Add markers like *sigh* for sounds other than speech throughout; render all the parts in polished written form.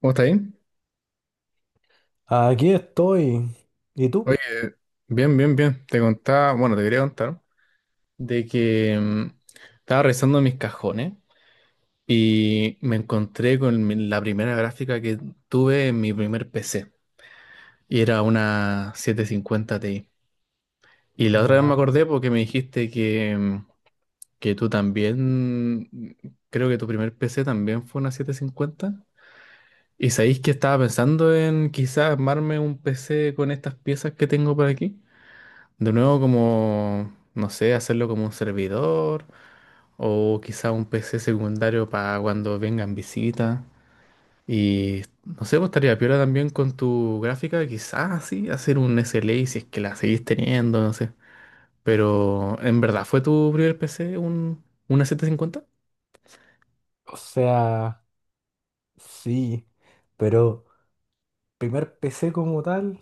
¿Cómo está ahí? Aquí estoy. ¿Y tú? Oye, bien, bien, bien. Te contaba, bueno, te quería contar de que estaba revisando mis cajones y me encontré con la primera gráfica que tuve en mi primer PC y era una 750 Ti. Y la otra vez me Ya. acordé porque me dijiste que tú también, creo que tu primer PC también fue una 750. Y sabéis que estaba pensando en quizás armarme un PC con estas piezas que tengo por aquí. De nuevo, como, no sé, hacerlo como un servidor o quizá un PC secundario para cuando vengan visitas. Y no sé, pues estaría piola también con tu gráfica, quizás sí, hacer un SLA si es que la seguís teniendo, no sé. Pero, ¿en verdad fue tu primer PC una 750? O sea, sí. Pero primer PC como tal,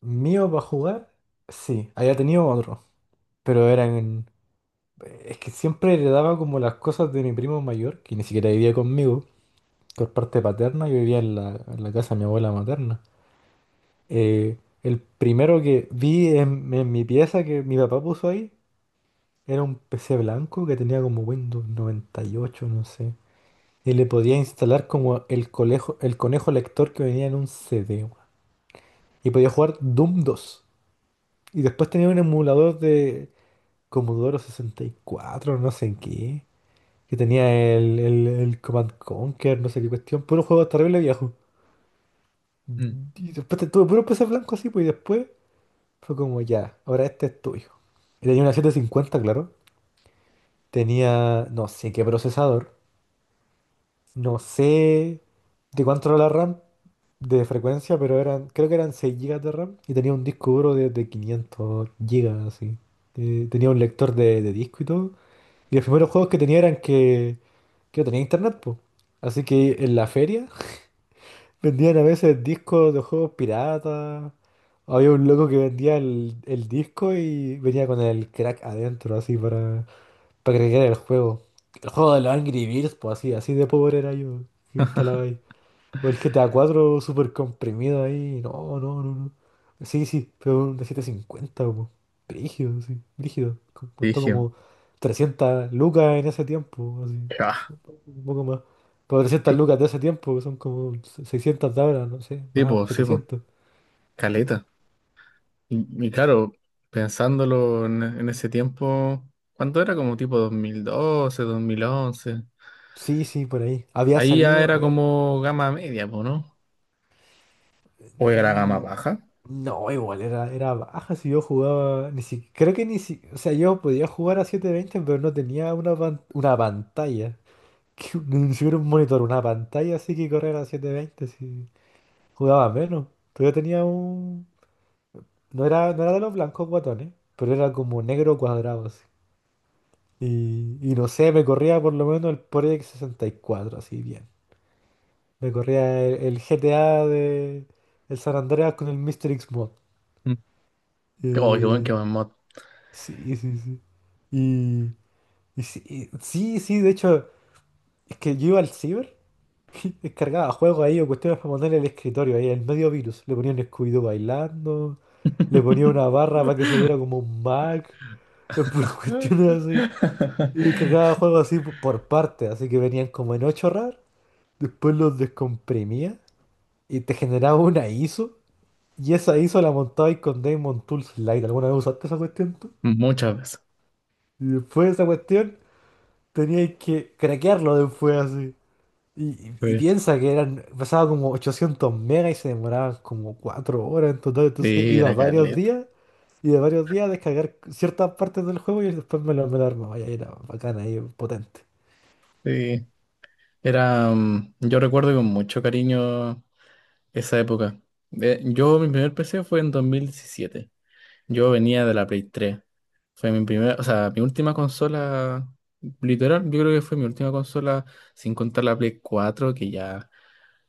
mío para jugar, sí. Había tenido otro. Pero eran... en- Es que siempre heredaba como las cosas de mi primo mayor, que ni siquiera vivía conmigo, por parte paterna, yo vivía en la, casa de mi abuela materna. El primero que vi en mi pieza que mi papá puso ahí era un PC blanco que tenía como Windows 98, no sé. Y le podía instalar como el conejo lector que venía en un CD, weón. Y podía jugar Doom 2. Y después tenía un emulador de Commodore 64, no sé en qué. Que tenía el Command Conquer, no sé qué cuestión. Puro juego terrible viejo. Mm. Y después tuve puro PC blanco así, pues. Y después fue como ya, ahora este es tuyo. Y tenía una 750, claro. Tenía no sé qué procesador. No sé de cuánto era la RAM de frecuencia, pero eran, creo que eran 6 gigas de RAM y tenía un disco duro de, 500 gigas así. Tenía un lector de disco y todo. Y los primeros juegos que tenía eran que no tenía internet, pues. Así que en la feria *laughs* vendían a veces discos de juegos piratas. Había un loco que vendía el, disco y venía con el crack adentro, así, para crear el juego. El juego de los Angry Birds, pues así, así de pobre era yo. Que instalaba ahí. O el GTA 4 súper comprimido ahí. No, no, no, no. Sí, sí, pero un de 750 como. Brígido, sí, brígido. Costó Dije, como 300 lucas en ese tiempo, así. ah, Un poco más. Pero 300 lucas de ese tiempo, que son como 600 de ahora, no sé, más, sí, pues, setecientos. caleta. Y claro, pensándolo en ese tiempo, ¿cuánto era? Como tipo dos mil doce, 2011. Sí, sí, por ahí. Había Ahí ya salido, a era ver. como gama media, po, ¿no? ¿O era gama mm, baja? No, igual, era baja, si yo jugaba. Ni si, creo que ni si. O sea, yo podía jugar a 720, pero no tenía una, una pantalla. Que *laughs* ni siquiera un monitor, una pantalla así que correr a 720, si jugaba menos. Pero yo tenía un... No era de los blancos guatones, pero era como negro cuadrado así. Y no sé, me corría por lo menos el Project 64, así bien. Me corría el GTA de el San Andreas con el Mr. X mod. Mm. Oh, Eh, qué buen mod. sí, sí, sí. Y, y sí, sí, sí, de hecho, es que yo iba al ciber, *laughs* descargaba juegos ahí o cuestiones para ponerle el escritorio ahí, el medio virus. Le ponía un Scooby-Doo bailando, le ponía una barra para que se viera como un Mac, *laughs* puras cuestiones así. Y descargaba *laughs* juegos así por parte, así que venían como en 8 RAR, después los descomprimía y te generaba una ISO. Y esa ISO la montaba ahí con Damon Tools Lite. ¿Alguna vez usaste esa cuestión tú? Muchas veces. Y después de esa cuestión teníais que craquearlo después así. Y, y Sí, piensa que eran, pesaba como 800 megas y se demoraban como 4 horas en total, entonces sí, iba era varios Carlet. días y de varios días a descargar ciertas partes del juego, y después me lo armaba y ahí era bacana, ahí potente. Sí. Yo recuerdo con mucho cariño esa época. Yo, mi primer PC fue en 2017. Yo venía de la Play tres. Fue mi primera, o sea, mi última consola, literal, yo creo que fue mi última consola, sin contar la Play cuatro, que ya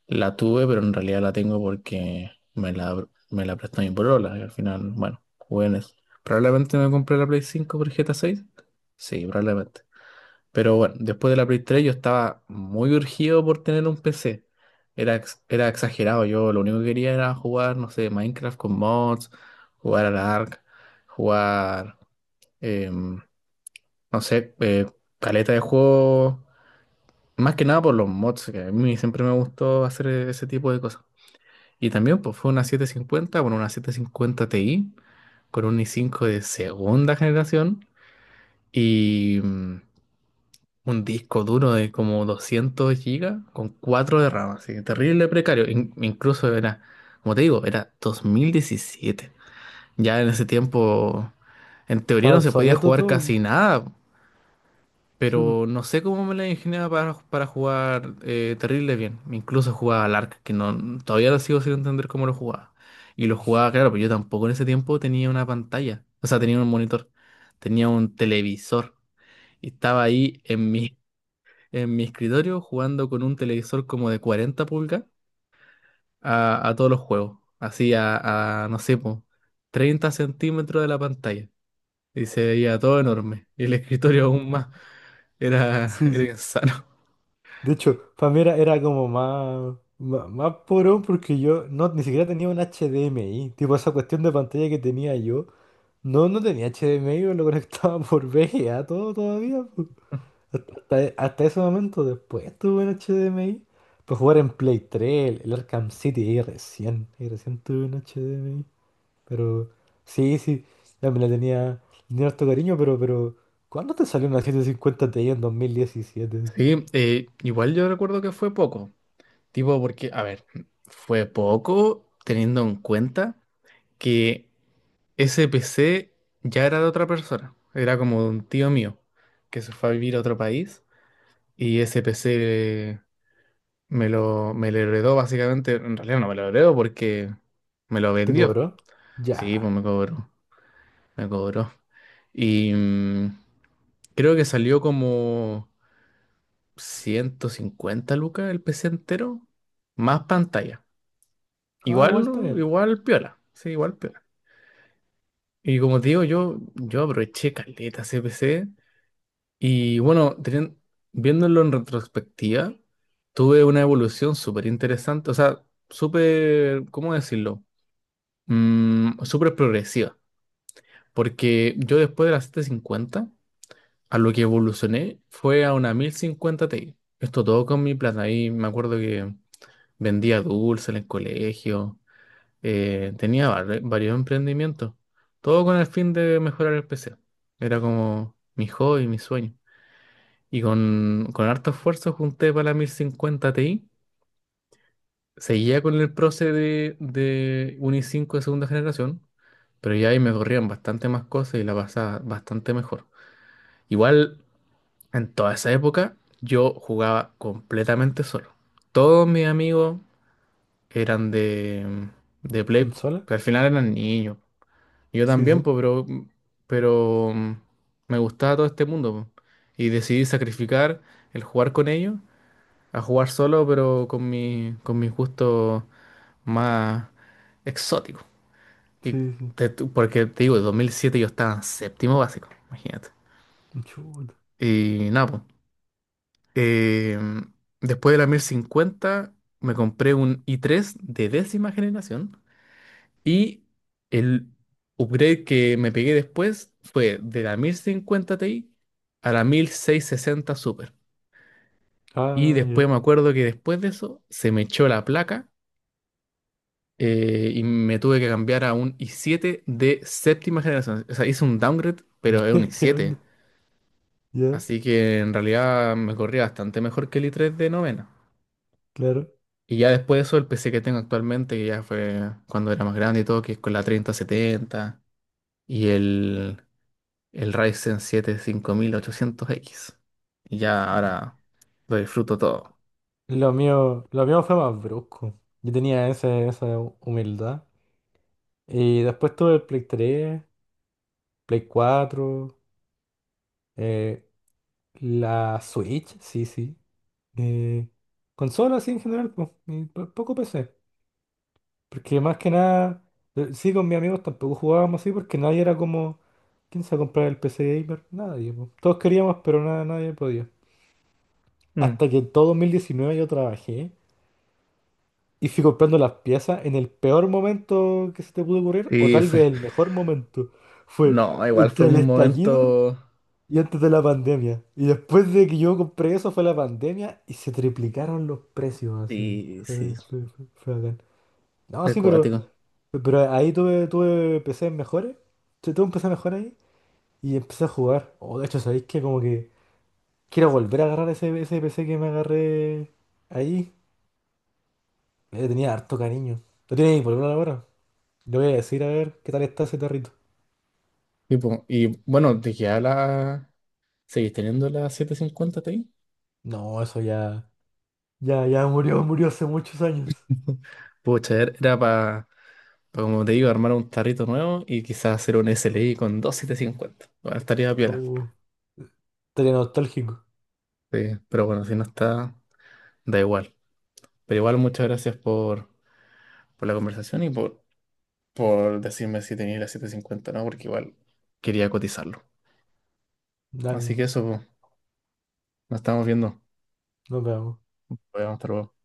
la tuve, pero en realidad la tengo porque me la prestó mi polola. Y al final, bueno, jugué en eso. Probablemente me compré la Play cinco por GTA seis. Sí, probablemente. Pero bueno, después de la Play tres yo estaba muy urgido por tener un PC. Era exagerado. Yo lo único que quería era jugar, no sé, Minecraft con mods, jugar al Ark, jugar, em, no sé, caleta de juego. Más que nada por los mods, que a mí siempre me gustó hacer ese tipo de cosas. Y también pues, fue una 750, bueno, una 750 Ti con un i5 de segunda generación y un disco duro de como 200 gigas con 4 de RAM, así que terrible precario. Incluso era, como te digo, era 2017. Ya en ese tiempo, en teoría Estaba no se podía obsoleto jugar todo, casi po. nada. Sí, po. Pero no sé cómo me la ingeniaba para jugar, terrible bien. Incluso jugaba al Ark, que no, todavía lo sigo sin entender cómo lo jugaba. Y lo jugaba, claro, pero yo tampoco en ese tiempo tenía una pantalla. O sea, tenía un monitor, tenía un televisor. Y estaba ahí en mi escritorio jugando con un televisor como de 40 pulgas a todos los juegos. Así no sé, po, 30 centímetros de la pantalla. Y se veía todo enorme. Y el escritorio aún más. Era, *laughs* Sí, era sí. insano. De hecho, para mí era como más, más, más porón, porque yo no, ni siquiera tenía un HDMI, tipo esa cuestión de pantalla que tenía yo, no, no tenía HDMI, yo lo conectaba *laughs* por VGA todo todavía. Hasta ese momento, después estuve en HDMI. Para jugar en Play 3, el Arkham City, y recién, tuve un HDMI. Pero sí, sí, ya me la tenía, tenía harto cariño, pero, ¿cuándo te salió una 750 Ti en 2017? Sí, igual yo recuerdo que fue poco, tipo porque, a ver, fue poco teniendo en cuenta que ese PC ya era de otra persona, era como de un tío mío que se fue a vivir a otro país y ese PC me lo heredó básicamente, en realidad no me lo heredó porque me lo ¿Te vendió, cobró? sí, pues Ya. me cobró, me cobró. Y creo que salió como... 150 lucas el PC entero, más pantalla. Ah, igual está Igual, bien. igual piola. Sí, igual piola. Y como te digo, yo aproveché caleta ese PC. Y bueno, viéndolo en retrospectiva, tuve una evolución súper interesante. O sea, súper, ¿cómo decirlo? Súper progresiva. Porque yo después de la 750 a lo que evolucioné fue a una 1050 Ti. Esto todo con mi plata. Y me acuerdo que. Vendía dulces en el colegio. Tenía varios emprendimientos. Todo con el fin de mejorar el PC. Era como mi hobby, mi sueño. Y con harto esfuerzo junté para la 1050 Ti. Seguía con el proce de un i5 de segunda generación. Pero ya ahí me corrían bastante más cosas y la pasaba bastante mejor. Igual, en toda esa época, yo jugaba completamente solo. Todos mis amigos eran de Play, po, ¿Consola? que al final eran niños. Y yo Sí, también, sí, pues, pero me gustaba todo este mundo, po. Y decidí sacrificar el jugar con ellos a jugar solo, pero con mis gustos más exóticos. Y sí, sí. Porque te digo, en 2007 yo estaba en séptimo básico, imagínate. Chuta. Y nada, po. Eh, Después de la 1050 me compré un i3 de décima generación. Y el upgrade que me pegué después fue de la 1050 Ti a la 1660 Super. Y Ah, después ya. me acuerdo que después de eso se me echó la placa, y me tuve que cambiar a un i7 de séptima generación. O sea, hice un downgrade, pero es un *laughs* ¿Qué i7. onda? Ya, Así que en realidad me corría bastante mejor que el i3 de novena. claro. Y ya después de eso, el PC que tengo actualmente, que ya fue cuando era más grande y todo, que es con la 3070 y el Ryzen 7 5800X. Y ya ahora lo disfruto todo. Lo mío fue más brusco. Yo tenía esa humildad. Y después tuve el Play 3, Play cuatro, eh, la Switch, sí, sí. Eh, Consolas, sí, en general, pues, y poco PC. Porque más que nada, sí, con mis amigos tampoco jugábamos así, porque nadie era como, ¿quién se va a comprar el PC gamer? Nadie, pues. Todos queríamos, pero nada, nadie podía. Mm. Hasta que en todo 2019 yo trabajé y fui comprando las piezas en el peor momento que se te pudo ocurrir, o Sí, tal vez fue. el mejor momento. Fue No, igual fue entre el un estallido momento. y antes de la pandemia. Y después de que yo compré eso fue la pandemia y se triplicaron los precios así. Sí, sí. Fue bacán. No, Fue sí, pero, cuático. pero ahí tuve PC mejores. Tuve un PC mejor ahí y empecé a jugar. O de hecho, ¿sabéis que como que quiero volver a agarrar ese PC que me agarré ahí? Le tenía harto cariño. ¿Lo tienes disponible ahora? Le voy a decir a ver qué tal está ese tarrito. Tipo, y bueno, ¿te queda la... ¿Seguís teniendo la 750 Ti? No, eso ya. Ya, ya murió, murió hace muchos años. *laughs* Pucha, era para, como te digo, armar un tarrito nuevo y quizás hacer un SLI con 2750. Bueno, estaría piola. Oh, estaría nostálgico. Sí, pero bueno, si no está, da igual. Pero igual, muchas gracias por la conversación y por decirme si tenía la 750 o no, porque igual quería cotizarlo. Ya, Así que eso, pues, nos estamos viendo. nos vemos. Pues, hasta luego.